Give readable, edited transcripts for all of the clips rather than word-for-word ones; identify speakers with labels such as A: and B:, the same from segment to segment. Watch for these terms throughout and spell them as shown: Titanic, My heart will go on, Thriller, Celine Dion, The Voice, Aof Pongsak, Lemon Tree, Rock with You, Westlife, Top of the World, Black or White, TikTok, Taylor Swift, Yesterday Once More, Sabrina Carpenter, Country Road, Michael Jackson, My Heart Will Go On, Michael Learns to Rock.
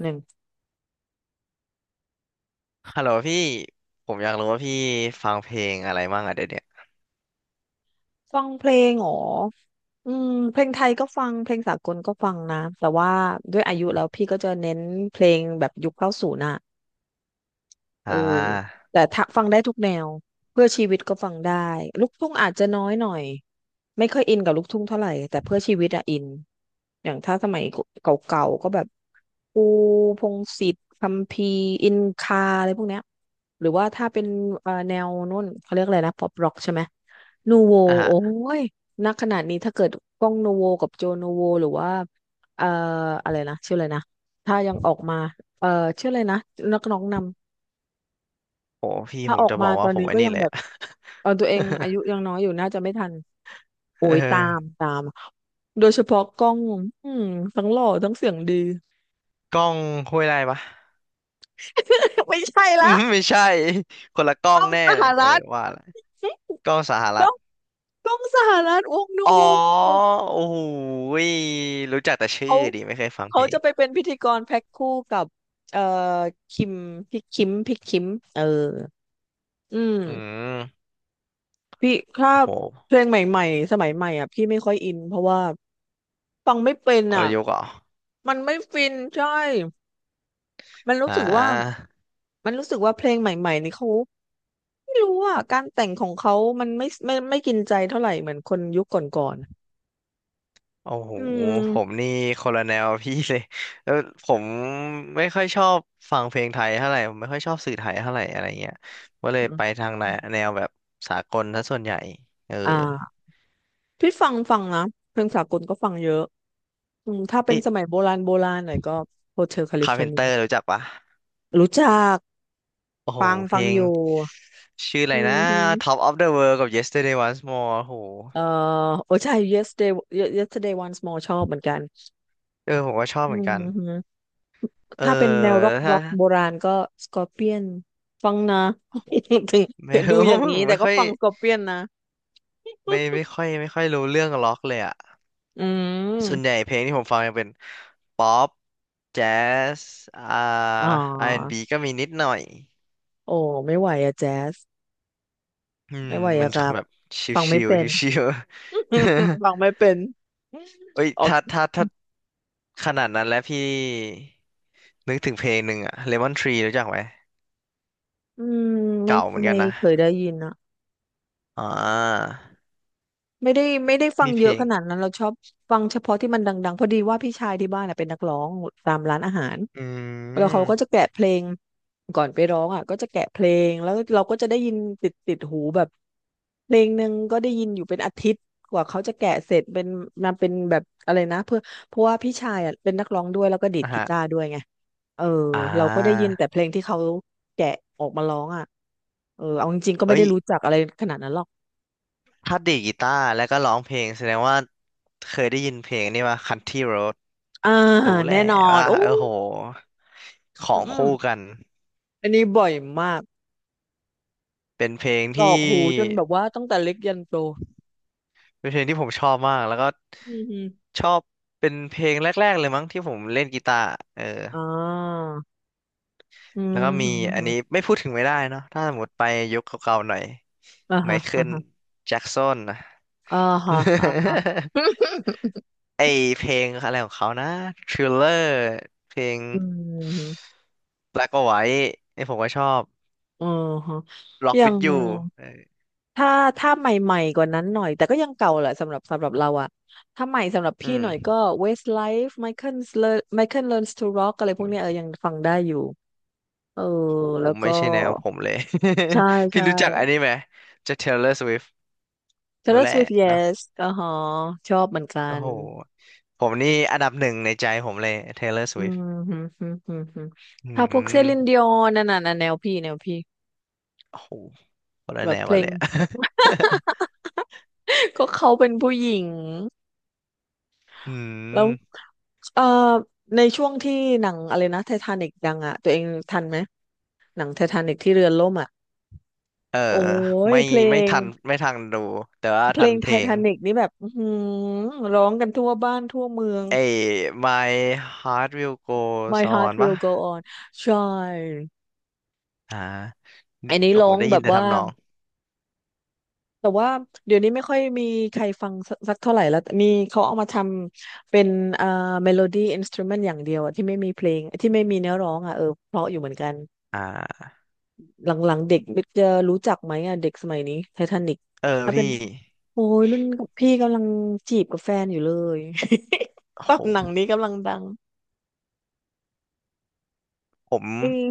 A: หนึ่ง
B: ฮัลโหลพี่ผมอยากรู้ว่าพี่ฟังเพลงอะไรบ้างอะเดี๋ยวเนี้ย
A: ฟังเพลงเหรอเพลงไทยก็ฟังเพลงสากลก็ฟังนะ แต่ว่าด้วยอายุแล้วพี่ก็จะเน้นเพลงแบบยุคเก้าศูนย์อ่ะเอ
B: อ่
A: อ
B: า
A: แต่ถ้าฟังได้ทุกแนว เพื่อชีวิตก็ฟังได้ ลูกทุ่งอาจจะน้อยหน่อย ไม่ค่อยอินกับลูกทุ่งเท่าไหร่แต่เพื่อชีวิตอะอินอย่างถ้าสมัยเก่าๆก็แบบปูพงษ์สิทธิ์คัมภีร์อินคาอะไรพวกเนี้ยหรือว่าถ้าเป็นแนวนู่นเขาเรียกอะไรนะป๊อปร็อกใช่ไหมนูโว
B: อ่ะฮะ
A: โอ้ยนักขนาดนี้ถ้าเกิดก้องนูโวกับโจนูโวหรือว่าเอ่ออะไรนะชื่ออะไรนะถ้ายังออกมาเอ่อชื่ออะไรนะนักร้องนำ
B: โอ้พี่
A: ถ้า
B: ผ
A: อ
B: ม
A: อก
B: จะบ
A: มา
B: อก
A: ต
B: ว่า
A: อน
B: ผม
A: นี้
B: ไอ้
A: ก็
B: นี่
A: ยัง
B: เลย
A: แบบ
B: อะ
A: เออตัวเอง อายุยังน้อยอยู่น่าจะไม่ทัน
B: เ
A: โอ้ยตาม
B: ออ
A: ตาม โดยเฉพาะกล้องอืมทั้งหล่อทั้งเสียงดี
B: กล้องห้วยไร่ปะ
A: ไม่ใช่
B: อื
A: ละ
B: มไม่ใช่คนละกล้อ
A: กล้
B: ง
A: อง
B: แน่
A: ส
B: เล
A: ห
B: ยเอ
A: รั
B: อ
A: ฐ
B: ว่าละกล้องสห
A: ก
B: รั
A: ล้
B: ฐ
A: องกล้องสหรัฐวงนู
B: อ๋อ
A: วู
B: โอ้โหยรู้จักแต่ชื่อ
A: เขา
B: ดิไม่เคยฟังเพลง
A: จะไปเป็นพิธีกรแพ็คคู่กับเอ่อคิมพี่คิมเออ อืม
B: อืม
A: พี่ถ้า
B: โห
A: เพลงใหม่ๆสมัยใหม่อ่ะพี่ไม่ค่อยอินเพราะว่าฟังไม่เป็น
B: กล
A: อ่ะ
B: ยุทธ์เหรอ
A: มันไม่ฟินใช่ มันรู้
B: อ่
A: สึกว่า
B: า
A: มันรู้สึกว่าเพลงใหม่ๆนี่เขาไม่รู้อ่ะการแต่งของเขา มันไม่กินใจเท่าไหร่เหมือนคนยุคก่อน
B: โอ้โห
A: ๆอืม
B: ผมนี่คนละแนวพี่เลย แล้วผมไม่ค่อยชอบฟังเพลงไทยเท่าไหร่ผมไม่ค่อยชอบสื่อไทยเท่าไหร่อะไรเงี้ยก็เลยไปทางแนวแบบสากลซะส่วนใหญ่ เออ
A: อ่าพี่ฟังนะเพลงสากลก็ฟังเยอะอืมถ้าเป็น
B: เอ๊ะ
A: สมัยโบราณหน่อยก็โฮเทลแคลิ
B: คา
A: ฟ
B: ร์
A: อ
B: เพ
A: ร์
B: น
A: เนี
B: เตอ
A: ย
B: ร์รู้จักปะ
A: รู้จัก
B: โอ้โห
A: ฟัง
B: เพ
A: ฟั
B: ล
A: ง
B: ง
A: อยู่
B: ชื่ออะไร
A: อืม
B: นะ
A: ฮึ
B: Top of the World กับ Yesterday Once More โอ้โห
A: เอ่อโอ้ใช่ yesterday yesterday once more ชอบเหมือนกัน
B: เออผมก็ชอบ
A: อื
B: เหมือน
A: ม
B: กัน
A: ฮึ
B: เออ
A: ถ้าเป็นแนวร็อกร็
B: ถ้า
A: อก โบราณก็สกอร์เปียนฟังนะ
B: โอ้โห
A: ถึง
B: ไม่
A: ถึงดูอย่าง นี้
B: ผม
A: แต่
B: ไม่
A: ก็
B: ค่อย
A: ฟังสกอร์เปียนนะ
B: ไม่ค่อยรู้เรื่องล็อกเลยอ่ะ
A: อื
B: ส่วนใหญ่
A: ม
B: เพลงที่ผมฟังจะเป็นป๊อปแจ๊สอ่า
A: อ๋อ
B: อาร์แอนด์บ b ก็มีนิดหน่อย
A: โอ้ไม่ไหวอะแจ๊ส
B: อืม
A: ไม่ไหว
B: มัน
A: อะครับ
B: แบบ
A: ฟังไม่
B: ชิว
A: เป็
B: ๆ
A: น
B: ชิวๆ
A: ฟังไม่เป็น
B: เอ้ย
A: ออก
B: ถ้าขนาดนั้นแล้วพี่นึกถึงเพลงหนึ่งอะ Lemon Tree รู้จักไหม
A: อืมไม่
B: เก่าเหมือน
A: ไม่
B: กันนะ
A: เคยได้ยินอะ
B: อ่า
A: ไม่ได้ฟัง
B: มีเพ
A: เย
B: ล
A: อะข
B: ง
A: นาดนั้นเราชอบฟังเฉพาะที่มันดังๆพอดีว่าพี่ชายที่บ้านน่ะเป็นนักร้องตามร้านอาหาร
B: อื
A: แล้วเขาก็จะ
B: ม
A: แกะเพลงก่อนไปร้องอ่ะก็จะแกะเพลงแล้วเราก็จะได้ยินติดหูแบบเพลงหนึ่งก็ได้ยินอยู่เป็นอาทิตย์กว่าเขาจะแกะเสร็จเป็นมาเป็นแบบอะไรนะเพื่อเพราะว่าพี่ชายอ่ะเป็นนักร้องด้วยแล้วก็ดีด
B: นะ
A: กี
B: ฮะ
A: ตาร์ด้วยไงเออ
B: อ่า
A: เราก็ได้ยินแต่เพลงที่เขาแกะออกมาร้องอ่ะเออเอาจริงๆก็ไม่
B: เอ้
A: ได้
B: ย
A: รู้จักอะไรขนาดนั้นหรอก
B: ถ้าดีดกีตาร์แล้วก็ร้องเพลงแสดงว่าเคยได้ยินเพลงนี่ว่า Country Road
A: อ่า
B: รู้แห
A: แน่
B: ละ
A: นอน
B: ว่า
A: โอ้
B: เออโหขอ
A: อืม
B: ง
A: อม
B: คู่กัน
A: อันนี้บ่อยมาก
B: เป็นเพลง
A: กรอ
B: ที่
A: กหูจนแบบว่าตั้งแต่เล็กยันโต
B: เป็นเพลงที่ผมชอบมากแล้วก็
A: อืมอม
B: ชอบเป็นเพลงแรกๆเลยมั้งที่ผมเล่นกีตาร์เออ
A: อ่า อื
B: แล้ว
A: ม
B: ก็
A: ฮ
B: มีอันนี้
A: ฮ
B: ไม่พูดถึงไม่ได้เนาะถ้าสมมติไปยุคเก่าๆหน่อย
A: อ่า
B: ไม
A: ฮะ
B: เคิ
A: อ่า
B: ล
A: ฮะ
B: แจ็กสันนะ
A: อ่าฮะอ่า
B: ไอเพลงอะไรของเขานะ Thriller เพลง
A: อืมฮ
B: Black or White ไอผมก็ชอบ
A: อือฮะ
B: Rock
A: ยัง
B: with You เออ
A: ถ้าถ้าใหม่ๆกว่านั้นหน่อยแต่ก็ยังเก่าแหละสำหรับเราอะถ้าใหม่สำหรับ
B: อื
A: พี่หน่อยก็
B: ม
A: Westlife Michael Learns to Rock อะไรพวก
B: อุ๊ย
A: เนี้ยเออยังฟังได้อยู่เออ
B: โห
A: แล้ว
B: ไม่
A: ก็
B: ใช่แนวผมเลย
A: ใช่
B: พี่
A: ใช่
B: รู้จักอันนี้ไหมจะ Taylor Swift รู้
A: Taylor
B: แหละ
A: Swift
B: เนาะ
A: Yes อ่าฮะชอบเหมือนกั
B: โอ้
A: น
B: โหผมนี่อันดับหนึ่งในใจผมเลย Taylor
A: อื
B: Swift
A: มฮึมฮึมฮึมฮึม
B: อื
A: ถ้าพว
B: ม
A: กเซลินดิออนนั่นน่ะนะแนวพี่
B: โอ้โหคนละ
A: แบ
B: แน
A: บ
B: ว
A: เพล
B: มาเล
A: ง
B: ยอะ
A: ก็เขาเป็นผู้หญิง
B: อื
A: แล้ว
B: ม
A: เอ่อในช่วงที่หนังอะไรนะไททานิกดังอ่ะตัวเองทันไหมหนังไททานิกที่เรือล่มอ่ะ
B: เออ
A: โอ้ย
B: ไม่
A: เพลง
B: ไม่ทันดูแต่ว่า
A: เพล
B: ทัน
A: ง
B: เพ
A: ไท
B: ลง
A: ทานิกนี่แบบอื้อหือร้องกันทั่วบ้านทั่วเมือง
B: ไอ้ My Heart Will Go
A: My
B: On
A: heart
B: ปะ
A: will go on ใช่
B: อ่า
A: อันนี้
B: โอ้โห
A: ร้อง
B: ได้
A: แบ
B: ยิน
A: บ
B: แต่
A: ว่า
B: ทำนอง
A: แต่ว่าเดี๋ยวนี้ไม่ค่อยมีใครฟังสักเท่าไหร่แล้วมีเขาเอามาทำเป็นเอ่อเมโลดี้อินสต u เมนต์อย่างเดียวอะที่ไม่มีเพลงที่ไม่มีเนื้อร้องอ่ะเออเพราะอยู่เหมือนกัน
B: อ่า
A: หลังๆเด็กจะรู้จักไหมอ่ะเด็กสมัยนี้ไททานิก
B: เออ
A: ถ้าเป็
B: พี่
A: นโอ้ยรุ่นกับพี่กำลังจีบกับแฟนอยู่เลย
B: โอ้
A: ตอ
B: โห
A: นหนังนี้กำลังดัง
B: ผม
A: อืม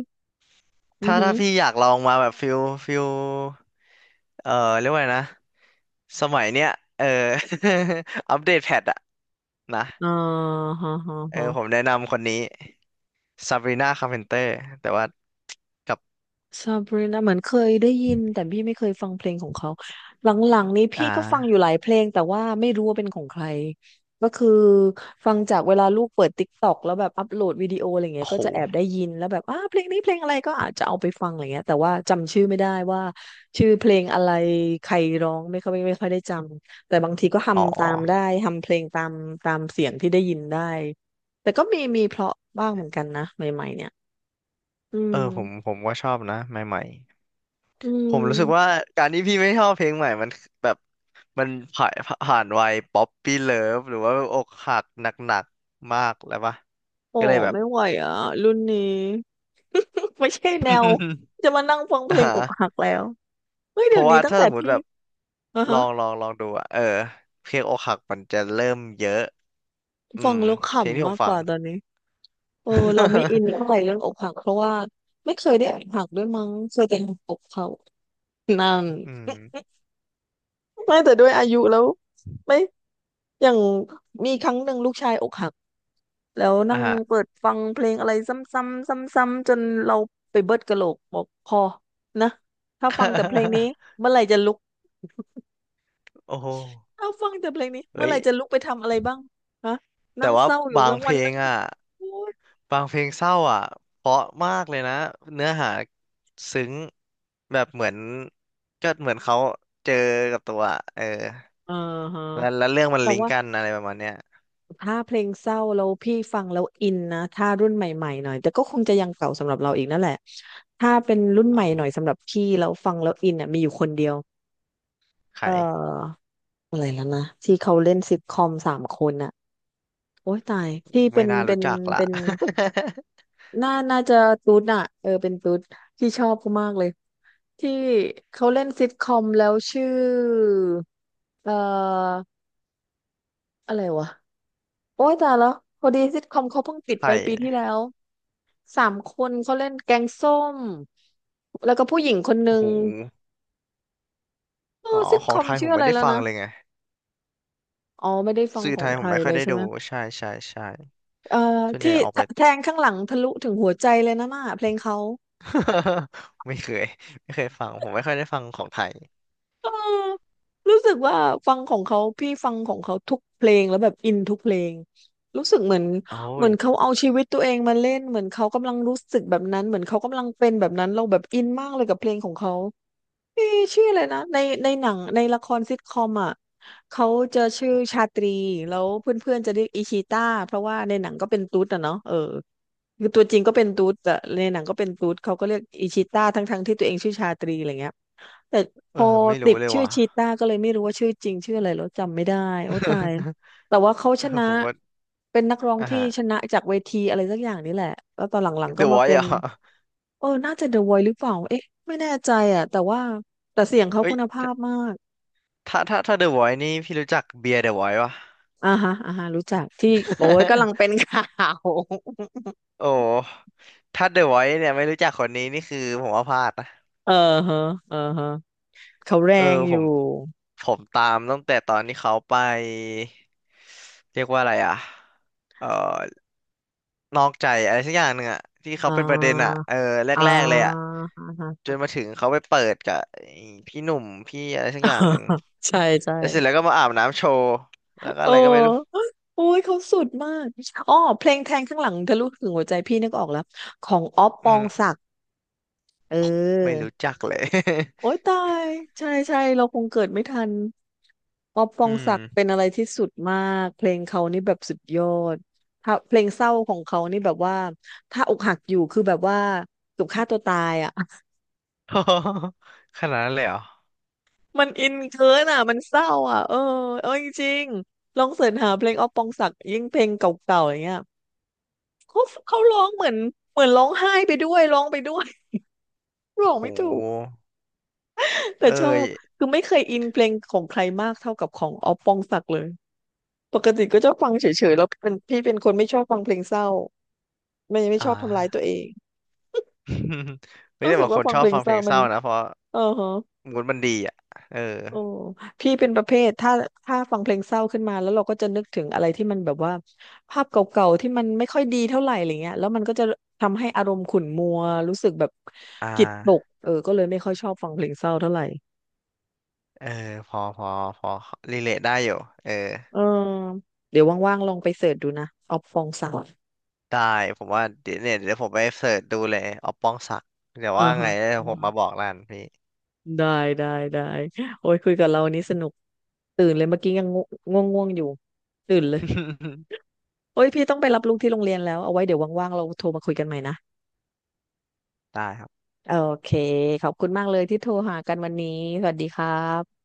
A: อือ
B: ถ้า
A: หื
B: ถ้า
A: อ
B: พี่อยากลองมาแบบฟิล เอ่อเรียกว่าไงนะสมัยเนี้ยเออ อัปเดตแพทอะนะ
A: อ่าฮะฮะ
B: เออผม
A: ฮะ
B: แนะนำคนนี้ซาบรีนาคาร์เพนเตอร์แต่ว่ากับ
A: ซาบรีนาเหมือนเคยได้ยินแต่พี่ไม่เคยฟังเพลงของเขาหลังๆนี้
B: อ่
A: พี่ก็ฟังอยู่หลา
B: า
A: ยเพลงแต่ว่าไม่รู้ว่าเป็นของใครก็คือฟังจากเวลาลูกเปิดติ๊กต็อกแล้วแบบอัปโหลดวิดีโออะไรเงี้
B: โอ้
A: ยก็
B: โห
A: จะแอบได้ยินแล้วแบบอ้าเพลงนี้เพลงอะไรก็อาจจะเอาไปฟังอะไรเงี้ยแต่ว่าจำชื่อไม่ได้ว่าชื่อเพลงอะไรใครร้องไม่ค่อยได้จำแต่บางทีก็
B: อ๋อ
A: ทำตามได้ทำเพลงตามตามเสียงที่ได้ยินได้แต่ก็มีเพราะบ้างเหมือนกันนะใหม่ๆเนี่ยอื
B: เออผม
A: ม
B: ผมก็ชอบนะใหม่
A: อื
B: ๆผมรู้สึกว่า
A: ม
B: การที่พี่ไม่ชอบเพลงใหม่มันแบบมันผ่านผ่านวัยป๊อปปี้เลิฟหรือว่าอกหักหนักๆมากแล้วปะ
A: โอ้
B: ก็เลยแบบ
A: ไม่ไหวอ่ะรุ่นนี้ ไม่ใช่แนวจะมานั่งฟัง เพ
B: อ่า
A: ลงอกหักแล้วเฮ้ย
B: เพ
A: เดี๋ย
B: ราะ
A: วนี้
B: ว่า
A: ตั้ง
B: ถ้า
A: แต่
B: สมมติ
A: พี่
B: แบบ
A: อ่ะ
B: ลอ
A: ฮะ
B: งลองลองดูอะเออเพลงอกหักมันจะเริ่มเยอะอื
A: ฟั
B: ม
A: งแล้วข
B: เพลงที่
A: ำ
B: ผ
A: มา
B: ม
A: กก
B: ฟัง
A: ว่าตอนนี้เออเราไม่อินเท่าไหร่เรื่องอกหักเพราะว่าไม่เคยได้อกหักด้วยมั้งเคยแต่อกเขานั่น
B: อืม
A: ไม่แต่ด้วยอายุแล้วไม่อย่างมีครั้งหนึ่งลูกชายอกหัก แล้วนั่
B: อ่ะ
A: ง
B: ฮะ
A: เปิดฟังเพลงอะไรซ้ำๆซ้ำๆจนเราไปเบิดกะโหลกบอกพอนะถ้าฟังแต่เพลงนี้ เมื่อไหร่จะลุก
B: โอ้โห
A: ถ้าฟังแต่เพลงนี้เมื่อ
B: เฮ้
A: ไห
B: ย
A: ร่จะลุกไปทำอะไรบ้างฮะนั่
B: แต่
A: ง
B: ว่า
A: เศร้าอยู่
B: บาง
A: ทั้ง
B: เพ
A: วั
B: ล
A: น
B: ง
A: ทั้งคื
B: อ่ะ
A: นโอ๊ย
B: บางเพลงเศร้าอ่ะเพราะมากเลยนะเนื้อหาซึ้งแบบเหมือนก็เหมือนเขาเจอกับตัวอะเออ
A: อ่าฮะ
B: แล้วเรื่องมัน
A: แต่
B: ลิง
A: ว่า
B: ก์กันอะไรประมาณเนี้ย
A: ถ้าเพลงเศร้าแล้วพี่ฟังแล้วอินนะถ้ารุ่นใหม่ๆหน่อยแต่ก็คงจะยังเก่าสำหรับเราอีกนั่นแหละถ้าเป็นรุ่นใหม่
B: เอ้า
A: หน่อยสำหรับพี่แล้วฟังแล้วอินอ่ะมีอยู่คนเดียวเอ่อ
B: ไข่
A: อะไรแล้วนะที่เขาเล่นซิทคอมสามคนอ่ะ โอ้ยตายที่เป็
B: ไม่
A: น
B: น่า
A: เป็
B: รู้
A: น
B: จักละ
A: เป็ นน่าจะตูดอะเออเป็นตูดที่ชอบเขามากเลยที่เขาเล่นซิทคอมแล้วชื่อเอ่ออะไรวะโอ้ยตายแล้วพอดีซิทคอมเขาเพิ่งปิด
B: ไข่
A: ไปปีที่แล้วสามคนเขาเล่นแกงส้มแล้วก็ผู้หญิงคน
B: โอ้
A: นึง
B: โห
A: เอ
B: อ๋อ
A: อซิท
B: ข
A: ค
B: อง
A: อม
B: ไทยผ
A: ชื่อ
B: ม
A: อะ
B: ไม่
A: ไร
B: ได้
A: แล้ว
B: ฟัง
A: นะ
B: เลยไง
A: อ๋อไม่ได้ฟัง
B: สื่อ
A: ขอ
B: ไท
A: ง
B: ยผ
A: ไท
B: ม
A: ย
B: ไม่ค่
A: เล
B: อย
A: ย
B: ได้
A: ใช่ไหม
B: ดู ใช่ใช่ใช่
A: เอ่อ
B: ส่วนให
A: ที่
B: ญ่ออกไป
A: แทงข้างหลังทะลุถึงหัวใจเลยนะน่ะเพลงเขา
B: ไม่เคยไม่เคยฟังผมไม่ค่อยได้ฟังของไทย
A: เออรู้สึกว่าฟังของเขาพี่ฟังของเขาทุกเพลงแล้วแบบอินทุกเพลงรู้สึกเหมือน
B: โอ้
A: เหมื
B: ย
A: อนเขาเอาชีวิตตัวเองมาเล่นเหมือนเขากำลังรู้สึกแบบนั้นเหมือนเขากำลังเป็นแบบนั้นเราแบบอินมากเลยกับเพลงของเขาพี่ชื่ออะไรนะในหนังในละครซิทคอมอ่ะเขาจะชื่อชาตรีแล้วเพื่อนๆจะเรียกอิชิต้าเพราะว่าในหนังก็เป็นตุ๊ดอะเนาะเออคือตัวจริงก็เป็นตุ๊ดแต่ในหนังก็เป็นตุ๊ดเขาก็เรียกอิชิต้าทั้งๆที่ตัวเองชื่อชาตรีอะไรเงี้ย แต่พ
B: เออ
A: อ
B: ไม่
A: ติ
B: รู้
A: ด
B: เลย
A: ชื่อ
B: ว่ะ
A: ชีต้าก็เลยไม่รู้ว่าชื่อจริงชื่ออะไรแล้วจำไม่ได้โอ้ตาย แต่ว่าเขา
B: เอ
A: ช
B: อ
A: นะ
B: ผมก็
A: เป็นนักร้อง
B: อ่ะ
A: ที่
B: ฮะ
A: ชนะจากเวทีอะไรสักอย่างนี่แหละแล้วตอนหลังๆก็
B: The
A: มา
B: Voice
A: เป็
B: เหร
A: น
B: อ่ะ
A: เออน่าจะ The Voice หรือเปล่าเอ๊ะไม่แน่ใจอ่ะแต่ว่าแต่เสียงเขา
B: เอ้
A: คุ
B: ย
A: ณภาพมาก
B: ถ้า The Voice นี่พี่รู้จักเบียร์ The Voice ป่ะ
A: อ่าฮะอ่าฮะรู้จักที่โอ้ยกำลังเป็น ข่าว
B: โอ้ถ้า The Voice เนี่ยไม่รู้จักคนนี้นี่คือผมว่าพลาดนะ
A: เออฮะเออฮะเขาแร
B: เออ
A: งอ
B: ผ
A: ยู่
B: มผมตามตั้งแต่ตอนที่เขาไปเรียกว่าอะไรอ่ะเอ่อนอกใจอะไรสักอย่างหนึ่งอ่ะที่เขา
A: อ่
B: เป็นประเด็นอ่ะ
A: า
B: เออแร
A: อ่
B: กๆเลยอ่ะ
A: า
B: จ
A: ฮะ
B: นมาถึงเขาไปเปิดกับไอ้พี่หนุ่มพี่อะไรสักอย่างหนึ่ง
A: ใช่ใช่
B: แล้วเสร็จแล้วก็มาอาบน้ำโชว์แล้วก็
A: โอ
B: อะไรก็ไม่รู้
A: ้โอ้ยเขาสุดมากอ๋อเพลงแทงข้างหลังทะลุถึงหัวใจพี่นึกออกแล้วของอ๊อฟป
B: อื
A: อง
B: ม
A: ศักดิ์เ
B: ไม่
A: ออ
B: รู้จักเลย
A: โอ้ยตายใช่ใช่เราคงเกิดไม่ทันอ๊อฟป อ
B: อื
A: งศั
B: ม
A: กดิ์เป็นอะไรที่สุดมากเพลงเขานี่แบบสุดยอดถ้าเพลงเศร้าของเขานี่แบบว่าถ้าอกหักอยู่คือแบบว่าถูกฆ่าตัวตายอ่ะ
B: ขนาดนั้นเลยเหรอ
A: มันอินเกินอ่ะมันเศร้าอ่ะเออเออจริงๆลองเสิร์ชหาเพลงอ๊อฟปองศักดิ์ยิ่งเพลงเก่าๆอย่างเงี้ย เขาเขาร้องเหมือนร้องไห้ไปด้วยร้องไปด้วย ร้
B: โอ้
A: อง
B: โ
A: ไม่ถูก
B: ห
A: แต่
B: เอ้
A: ชอ
B: ย
A: บคือไม่เคยอินเพลงของใครมากเท่ากับของออฟปองศักดิ์เลยปกติก็ชอบฟังเฉยๆแล้วเป็นพี่เป็นคนไม่ชอบฟังเพลงเศร้าไม่
B: อ่า
A: ชอบทำร้ายตัวเอง
B: ไม่
A: รู้
B: ได้
A: สึก
B: บางค
A: ว่า
B: น
A: ฟัง
B: ชอ
A: เพ
B: บ
A: ลง
B: ฟัง
A: เศ
B: เพล
A: ร้า
B: ง
A: มั
B: เศ
A: น
B: ร้านะเพราะ
A: เออฮะ
B: มูดมันดีอ่ะเออ
A: โอ้พี่เป็นประเภทถ้าฟังเพลงเศร้าขึ้นมาแล้วเราก็จะนึกถึงอะไรที่มันแบบว่าภาพเก่าๆที่มันไม่ค่อยดีเท่าไหร่อะไรเงี้ยแล้วมันก็จะทำให้อารมณ์ขุ่นมัวรู้สึกแบบ
B: อ่า
A: จิตตกเออก็เลยไม่ค่อยชอบฟังเพลงเศร้าเท่าไหร่
B: เออพอพอพอรีเลทได้อยู่เออ
A: เออเดี๋ยวว่างๆลองไปเสิร์ชดูนะออฟฟองศักดิ์
B: ได้ผมว่าเดี๋ยวเนี่ยเดี๋ยวผมไปเสิร์ชดูเลยออปป้องศักดิ์เดี๋ยว
A: เออ
B: ว่า
A: ฮะ
B: ไงเดี๋ย
A: อื
B: ว
A: อ
B: ผม
A: ฮะ
B: มาบอกร้านพี่
A: ได้ได้ได้โอ้ยคุยกับเราวันนี้สนุกตื่นเลยเมื่อกี้ยังง่วงอยู่ตื่นเลย โอ้ยพี่ต้องไปรับลูกที่โรงเรียนแล้วเอาไว้เดี๋ยวว่างๆเราโทรมาคุยกันใหม่นะ
B: ได้ครับ
A: โอเค ขอบคุณมากเลยที่โทรหากันวันนี้ สวัสดีครับ